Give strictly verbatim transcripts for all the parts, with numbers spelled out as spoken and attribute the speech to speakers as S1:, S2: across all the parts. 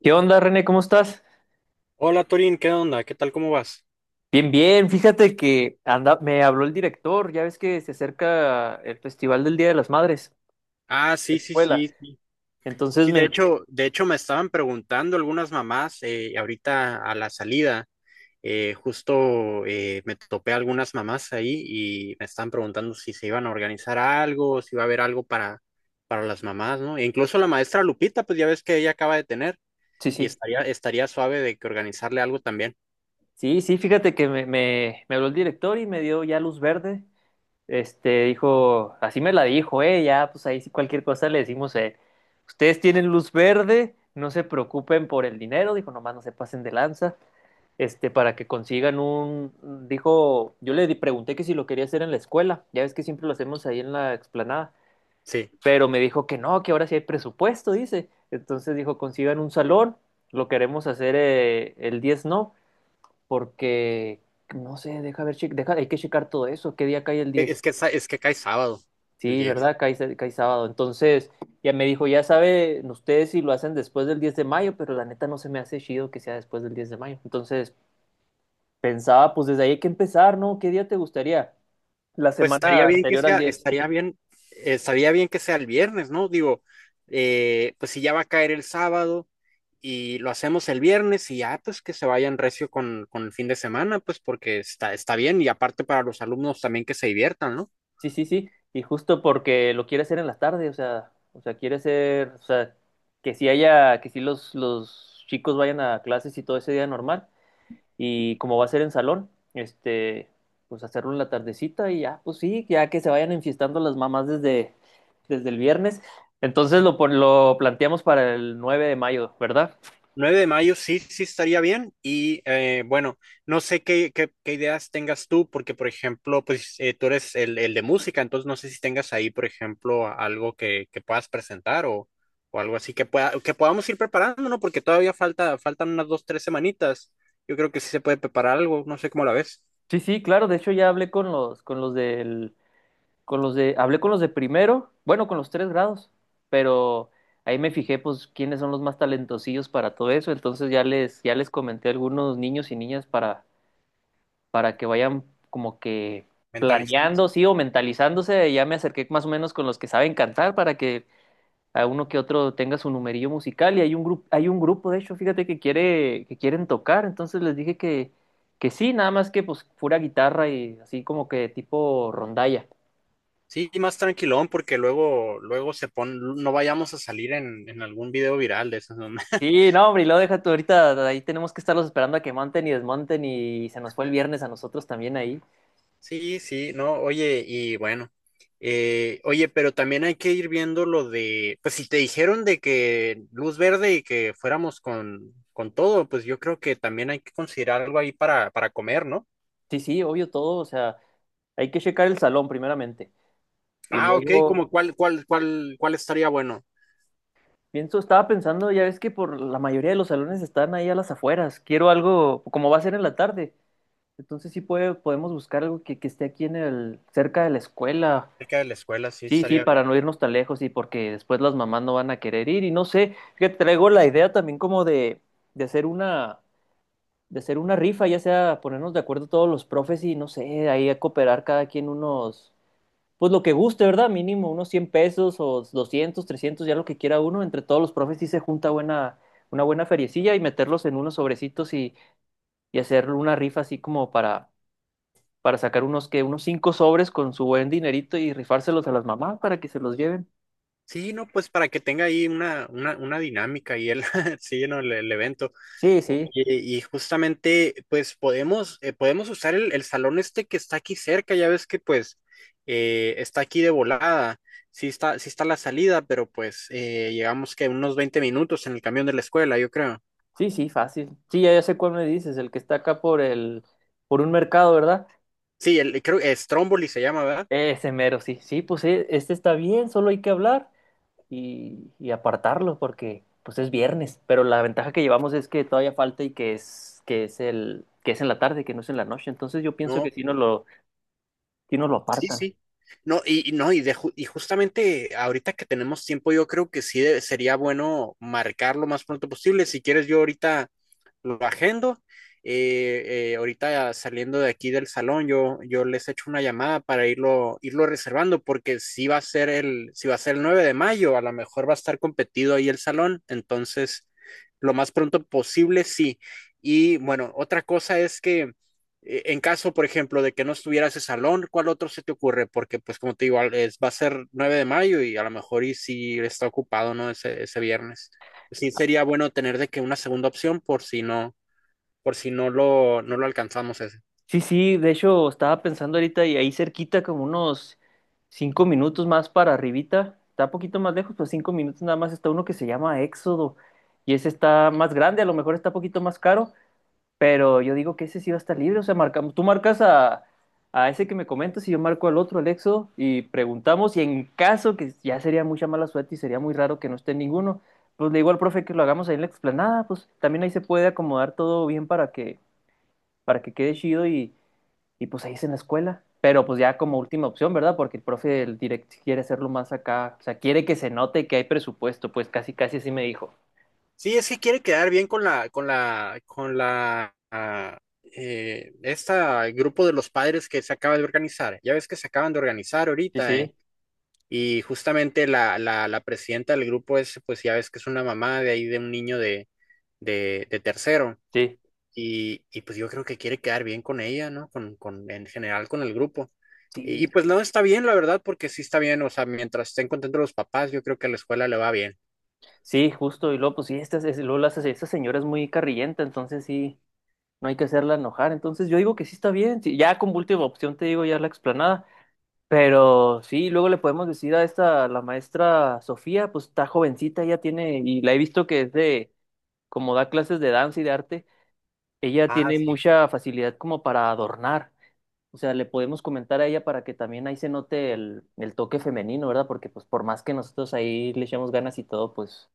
S1: ¿Qué onda, René? ¿Cómo estás?
S2: Hola Torín, ¿qué onda? ¿Qué tal? ¿Cómo vas?
S1: Bien, bien. Fíjate que anda, me habló el director. Ya ves que se acerca el Festival del Día de las Madres,
S2: Ah,
S1: de
S2: sí,
S1: la
S2: sí,
S1: escuela.
S2: sí, sí.
S1: Entonces
S2: Sí, de
S1: me...
S2: hecho, de hecho me estaban preguntando algunas mamás eh, ahorita a la salida. Eh, justo eh, me topé a algunas mamás ahí y me estaban preguntando si se iban a organizar algo, si iba a haber algo para, para las mamás, ¿no? E incluso la maestra Lupita, pues ya ves que ella acaba de tener
S1: Sí,
S2: y
S1: sí.
S2: estaría, estaría suave de que organizarle algo también.
S1: Sí, sí, fíjate que me, me, me habló el director y me dio ya luz verde. Este, dijo, así me la dijo, eh, ya, pues ahí sí cualquier cosa le decimos, eh, ustedes tienen luz verde, no se preocupen por el dinero, dijo, nomás no se pasen de lanza. Este, para que consigan un, dijo, yo le pregunté que si lo quería hacer en la escuela, ya ves que siempre lo hacemos ahí en la explanada,
S2: Sí.
S1: pero me dijo que no, que ahora sí hay presupuesto, dice. Entonces dijo, consigan un salón, lo queremos hacer eh, el diez no, porque, no sé, deja ver, che- deja, hay que checar todo eso, qué día cae el
S2: E-
S1: diez.
S2: es que, sa- es que cae sábado, el
S1: Sí,
S2: día.
S1: ¿verdad? Cae, s- cae sábado. Entonces, ya me dijo, ya saben ustedes si lo hacen después del diez de mayo, pero la neta no se me hace chido que sea después del diez de mayo. Entonces, pensaba, pues desde ahí hay que empezar, ¿no? ¿Qué día te gustaría? La
S2: Pues estaría
S1: semana
S2: bien que
S1: anterior al
S2: sea,
S1: diez.
S2: estaría bien, eh, estaría bien que sea el viernes, ¿no? Digo, eh, pues si ya va a caer el sábado y lo hacemos el viernes y ya, pues que se vayan recio con, con el fin de semana, pues porque está, está bien y aparte para los alumnos también que se diviertan, ¿no?
S1: Sí, sí, sí. Y justo porque lo quiere hacer en la tarde, o sea, o sea, quiere hacer, o sea, que si haya, que si los, los chicos vayan a clases y todo ese día normal. Y como va a ser en salón, este, pues hacerlo en la tardecita y ya, pues sí, ya que se vayan enfiestando las mamás desde, desde el viernes. Entonces lo, pon- lo planteamos para el nueve de mayo, ¿verdad?
S2: Nueve de mayo sí, sí estaría bien. Y eh, bueno, no sé qué, qué, qué ideas tengas tú, porque por ejemplo, pues eh, tú eres el, el de música, entonces no sé si tengas ahí, por ejemplo, a- algo que, que puedas presentar o, o algo así que, pueda, que podamos ir preparando, ¿no? Porque todavía falta, faltan unas dos, tres semanitas. Yo creo que sí se puede preparar algo, no sé cómo la ves,
S1: Sí, sí, claro. De hecho, ya hablé con los, con los del Con los de, hablé con los de primero, bueno, con los tres grados, pero ahí me fijé, pues, quiénes son los más talentosillos para todo eso. Entonces ya les, ya les comenté a algunos niños y niñas para, para que vayan como que
S2: mentalizarse.
S1: planeando, sí, o mentalizándose. Ya me acerqué más o menos con los que saben cantar para que a uno que otro tenga su numerillo musical. Y hay un grupo, hay un grupo, de hecho, fíjate que quiere, que quieren tocar. Entonces les dije que, que sí, nada más que pues pura guitarra y así como que tipo rondalla.
S2: Sí, más tranquilón, porque luego, luego se pone, no vayamos a salir en, en algún video viral de esos, ¿no?
S1: Sí, no, hombre, y lo deja tú ahorita, ahí tenemos que estarlos esperando a que monten y desmonten y se nos fue el viernes a nosotros también ahí.
S2: Sí, sí, no, oye, y bueno, eh, oye, pero también hay que ir viendo lo de, pues si te dijeron de que luz verde y que fuéramos con, con todo, pues yo creo que también hay que considerar algo ahí para, para comer, ¿no?
S1: Sí, sí, obvio todo, o sea, hay que checar el salón primeramente. Y
S2: Ah, ok,
S1: luego,
S2: como cuál, cuál, cuál, cuál estaría bueno.
S1: pienso, estaba pensando, ya ves que por la mayoría de los salones están ahí a las afueras, quiero algo, como va a ser en la tarde, entonces sí puede, podemos buscar algo que, que esté aquí en el, cerca de la escuela.
S2: Cerca de la escuela, sí,
S1: Sí, sí,
S2: estaría
S1: para
S2: bien.
S1: no irnos tan lejos y porque después las mamás no van a querer ir y no sé, que traigo la idea también como de, de hacer una de hacer una rifa, ya sea ponernos de acuerdo todos los profes y no sé, ahí a cooperar cada quien unos, pues lo que guste, ¿verdad? Mínimo unos cien pesos o doscientos trescientos ya lo que quiera uno, entre todos los profes sí se junta buena, una buena feriecilla y meterlos en unos sobrecitos y, y hacer una rifa así como para, para sacar unos que unos cinco sobres con su buen dinerito y rifárselos a las mamás para que se los lleven.
S2: Sí, no, pues para que tenga ahí una, una, una dinámica y el, sí, no, el, el evento.
S1: Sí, sí,
S2: Oye, y justamente, pues podemos, eh, podemos usar el, el salón este que está aquí cerca, ya ves que pues eh, está aquí de volada, sí está, sí está la salida, pero pues eh, llegamos que unos veinte minutos en el camión de la escuela, yo creo.
S1: sí, sí, fácil. Sí, ya, ya sé cuál me dices, el que está acá por el, por un mercado, ¿verdad?
S2: Sí, el, creo que es Stromboli se llama, ¿verdad?
S1: Ese mero, sí, sí, pues eh, este está bien, solo hay que hablar y, y apartarlo porque pues es viernes, pero la ventaja que llevamos es que todavía falta y que es que es el que es en la tarde, que no es en la noche, entonces yo pienso que
S2: No,
S1: sí nos lo sí nos lo
S2: sí,
S1: apartan.
S2: sí. No, y y no, y, de ju- y justamente ahorita que tenemos tiempo, yo creo que sí de- sería bueno marcar lo más pronto posible. Si quieres, yo ahorita lo agendo. Eh, eh, ahorita saliendo de aquí del salón, yo, yo les echo una llamada para irlo, irlo reservando, porque si va a ser el, si va a ser el nueve de mayo, a lo mejor va a estar competido ahí el salón, entonces lo más pronto posible, sí. Y bueno, otra cosa es que eh, en caso, por ejemplo, de que no estuviera ese salón, ¿cuál otro se te ocurre? Porque pues como te digo, al- es, va a ser nueve de mayo y a lo mejor y si está ocupado, ¿no? Ese, ese viernes sí sería bueno tener de que una segunda opción por si no, por si no lo, no lo alcanzamos ese.
S1: Sí, sí, de hecho estaba pensando ahorita y ahí cerquita como unos cinco minutos más para arribita, está un poquito más lejos, pues cinco minutos nada más está uno que se llama Éxodo y ese está más grande, a lo mejor está un poquito más caro, pero yo digo que ese sí va a estar libre, o sea, marcamos, tú marcas a, a ese que me comentas y yo marco al otro, Alexo, y preguntamos, y en caso que ya sería mucha mala suerte y sería muy raro que no esté ninguno, pues le digo al profe que lo hagamos ahí en la explanada, pues también ahí se puede acomodar todo bien para que, para que quede chido y, y pues ahí es en la escuela. Pero pues ya como última opción, ¿verdad? Porque el profe del direct quiere hacerlo más acá, o sea, quiere que se note que hay presupuesto, pues casi casi así me dijo.
S2: Sí, es que quiere quedar bien con la, con la, con la, ah, eh, esta grupo de los padres que se acaba de organizar. Ya ves que se acaban de organizar
S1: Sí,
S2: ahorita, eh,
S1: sí,
S2: Y justamente la, la, la presidenta del grupo es, pues ya ves que es una mamá de ahí de un niño de, de, de tercero.
S1: sí.
S2: Y, y, pues yo creo que quiere quedar bien con ella, ¿no? Con, con, en general con el grupo. Y, y
S1: Sí,
S2: pues no está bien, la verdad, porque sí está bien, o sea, mientras estén contentos los papás, yo creo que a la escuela le va bien.
S1: sí, justo, y luego, pues sí, esta, es- luego la- esta señora es muy carrillenta, entonces sí, no hay que hacerla enojar. Entonces yo digo que sí está bien, sí, ya como última opción te digo ya la explanada, pero sí, luego le podemos decir a esta, a la maestra Sofía, pues está jovencita, ella tiene, y la he visto que es de, como da clases de danza y de arte, ella tiene mucha facilidad como para adornar. O sea, le podemos comentar a ella para que también ahí se note el, el toque femenino, ¿verdad? Porque pues por más que nosotros ahí le echemos ganas y todo, pues...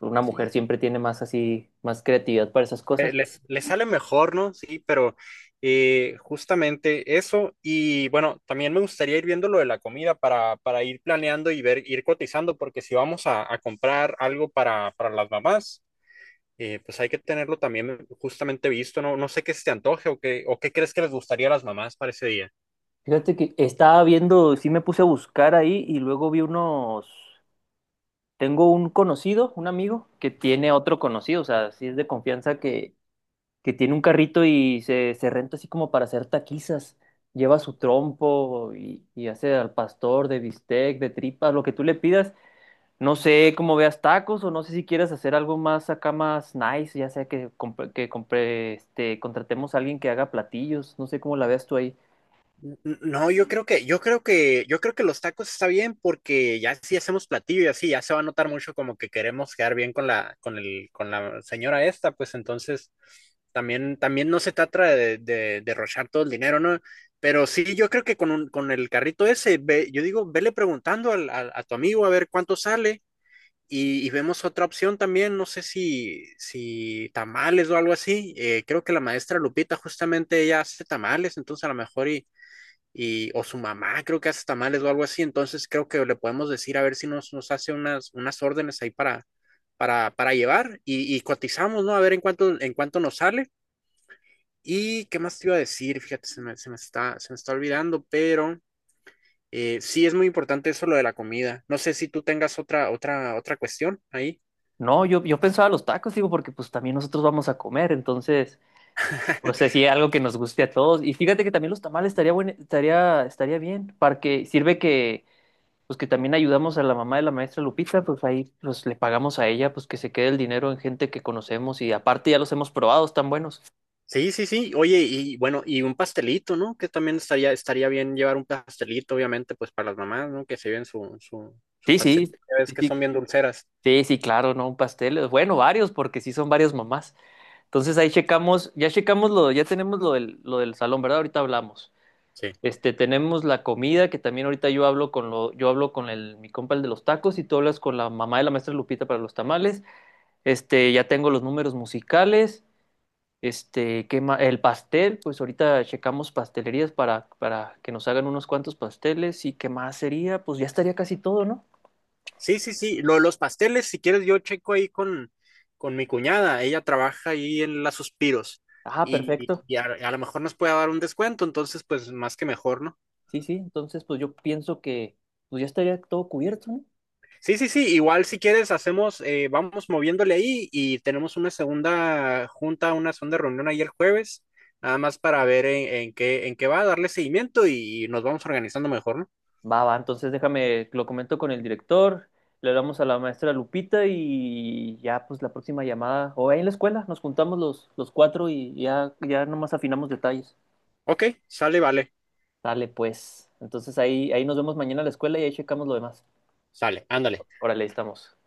S1: Una mujer
S2: Sí.
S1: siempre tiene más así, más creatividad para esas
S2: Eh,
S1: cosas.
S2: les, les sale mejor, ¿no? Sí, pero eh, justamente eso. Y bueno, también me gustaría ir viendo lo de la comida para, para ir planeando y ver, ir cotizando, porque si vamos a, a comprar algo para, para las mamás, eh, pues hay que tenerlo también justamente visto, ¿no? No sé qué se te antoje o qué, o qué crees que les gustaría a las mamás para ese día.
S1: Fíjate que estaba viendo, sí me puse a buscar ahí y luego vi unos, tengo un conocido, un amigo, que tiene otro conocido, o sea, sí es de confianza que, que tiene un carrito y se, se renta así como para hacer taquizas. Lleva su trompo y, y hace al pastor de bistec, de tripas, lo que tú le pidas. No sé cómo veas tacos o no sé si quieres hacer algo más acá más nice, ya sea que, comp- que compre, este, contratemos a alguien que haga platillos, no sé cómo la veas tú ahí.
S2: No, yo creo que, yo creo que, yo creo que los tacos está bien porque ya si hacemos platillo y así, ya se va a notar mucho como que queremos quedar bien con la, con el, con la señora esta, pues entonces también, también no se trata de, de derrochar todo el dinero, ¿no? Pero sí, yo creo que con un- con el carrito ese, ve- yo digo, vele preguntando al- al- a tu amigo a ver cuánto sale y, y vemos otra opción también, no sé si, si tamales o algo así. Eh, creo que la maestra Lupita justamente ella hace tamales, entonces a lo mejor y, o su mamá creo que hace tamales o algo así, entonces creo que le podemos decir a ver si nos, nos hace unas, unas órdenes ahí para, para, para llevar y, y cotizamos, ¿no? A ver en cuánto, en cuánto nos sale. ¿Y qué más te iba a decir? Fíjate, se me, se me está, se me está olvidando, pero eh, sí es muy importante eso lo de la comida. No sé si tú tengas otra, otra, otra cuestión ahí.
S1: No, yo, yo pensaba los tacos, digo, porque pues también nosotros vamos a comer, entonces, pues sí, algo que nos guste a todos. Y fíjate que también los tamales estaría buen, estaría, estaría bien, para que sirve que, pues que también ayudamos a la mamá de la maestra Lupita, pues ahí pues le pagamos a ella, pues que se quede el dinero en gente que conocemos y aparte ya los hemos probado, están buenos.
S2: Sí, sí, sí. Oye, y bueno, y un pastelito, ¿no? Que también estaría, estaría bien llevar un pastelito, obviamente, pues para las mamás, ¿no? Que se lleven su, su, su
S1: Sí,
S2: pastel.
S1: sí.
S2: Ya ves
S1: Sí,
S2: que
S1: sí,
S2: son bien dulceras.
S1: sí, sí, claro, ¿no? Un pastel. Bueno, varios, porque sí son varias mamás. Entonces ahí checamos, ya checamos lo, ya tenemos lo del, lo del salón, ¿verdad? Ahorita hablamos.
S2: Sí.
S1: Este, tenemos la comida, que también ahorita yo hablo con lo, yo hablo con el, mi compa el de los tacos, y tú hablas con la mamá de la maestra Lupita para los tamales. Este, ya tengo los números musicales. Este, ¿qué ma- El pastel, pues ahorita checamos pastelerías para, para que nos hagan unos cuantos pasteles. ¿Y qué más sería? Pues ya estaría casi todo, ¿no?
S2: Sí, sí, sí. Lo de los pasteles, si quieres, yo checo ahí con, con mi cuñada. Ella trabaja ahí en las Suspiros.
S1: Ah,
S2: Y,
S1: perfecto.
S2: y a, a lo mejor nos puede dar un descuento, entonces, pues más que mejor, ¿no?
S1: Sí, sí, entonces pues yo pienso que pues ya estaría todo cubierto, ¿no?
S2: Sí, sí, sí, igual si quieres hacemos, eh, vamos moviéndole ahí y tenemos una segunda junta, una segunda reunión ahí el jueves, nada más para ver en, en qué, en qué va, darle seguimiento y nos vamos organizando mejor, ¿no?
S1: Va, va, entonces déjame, lo comento con el director, le hablamos a la maestra Lupita y ya pues la próxima llamada, o ahí en la escuela, nos juntamos los, los cuatro y ya, ya nomás afinamos detalles.
S2: Ok, sale, vale,
S1: Dale, pues. Entonces ahí, ahí nos vemos mañana a la escuela y ahí checamos lo demás.
S2: sale, ándale.
S1: Órale, ahí estamos.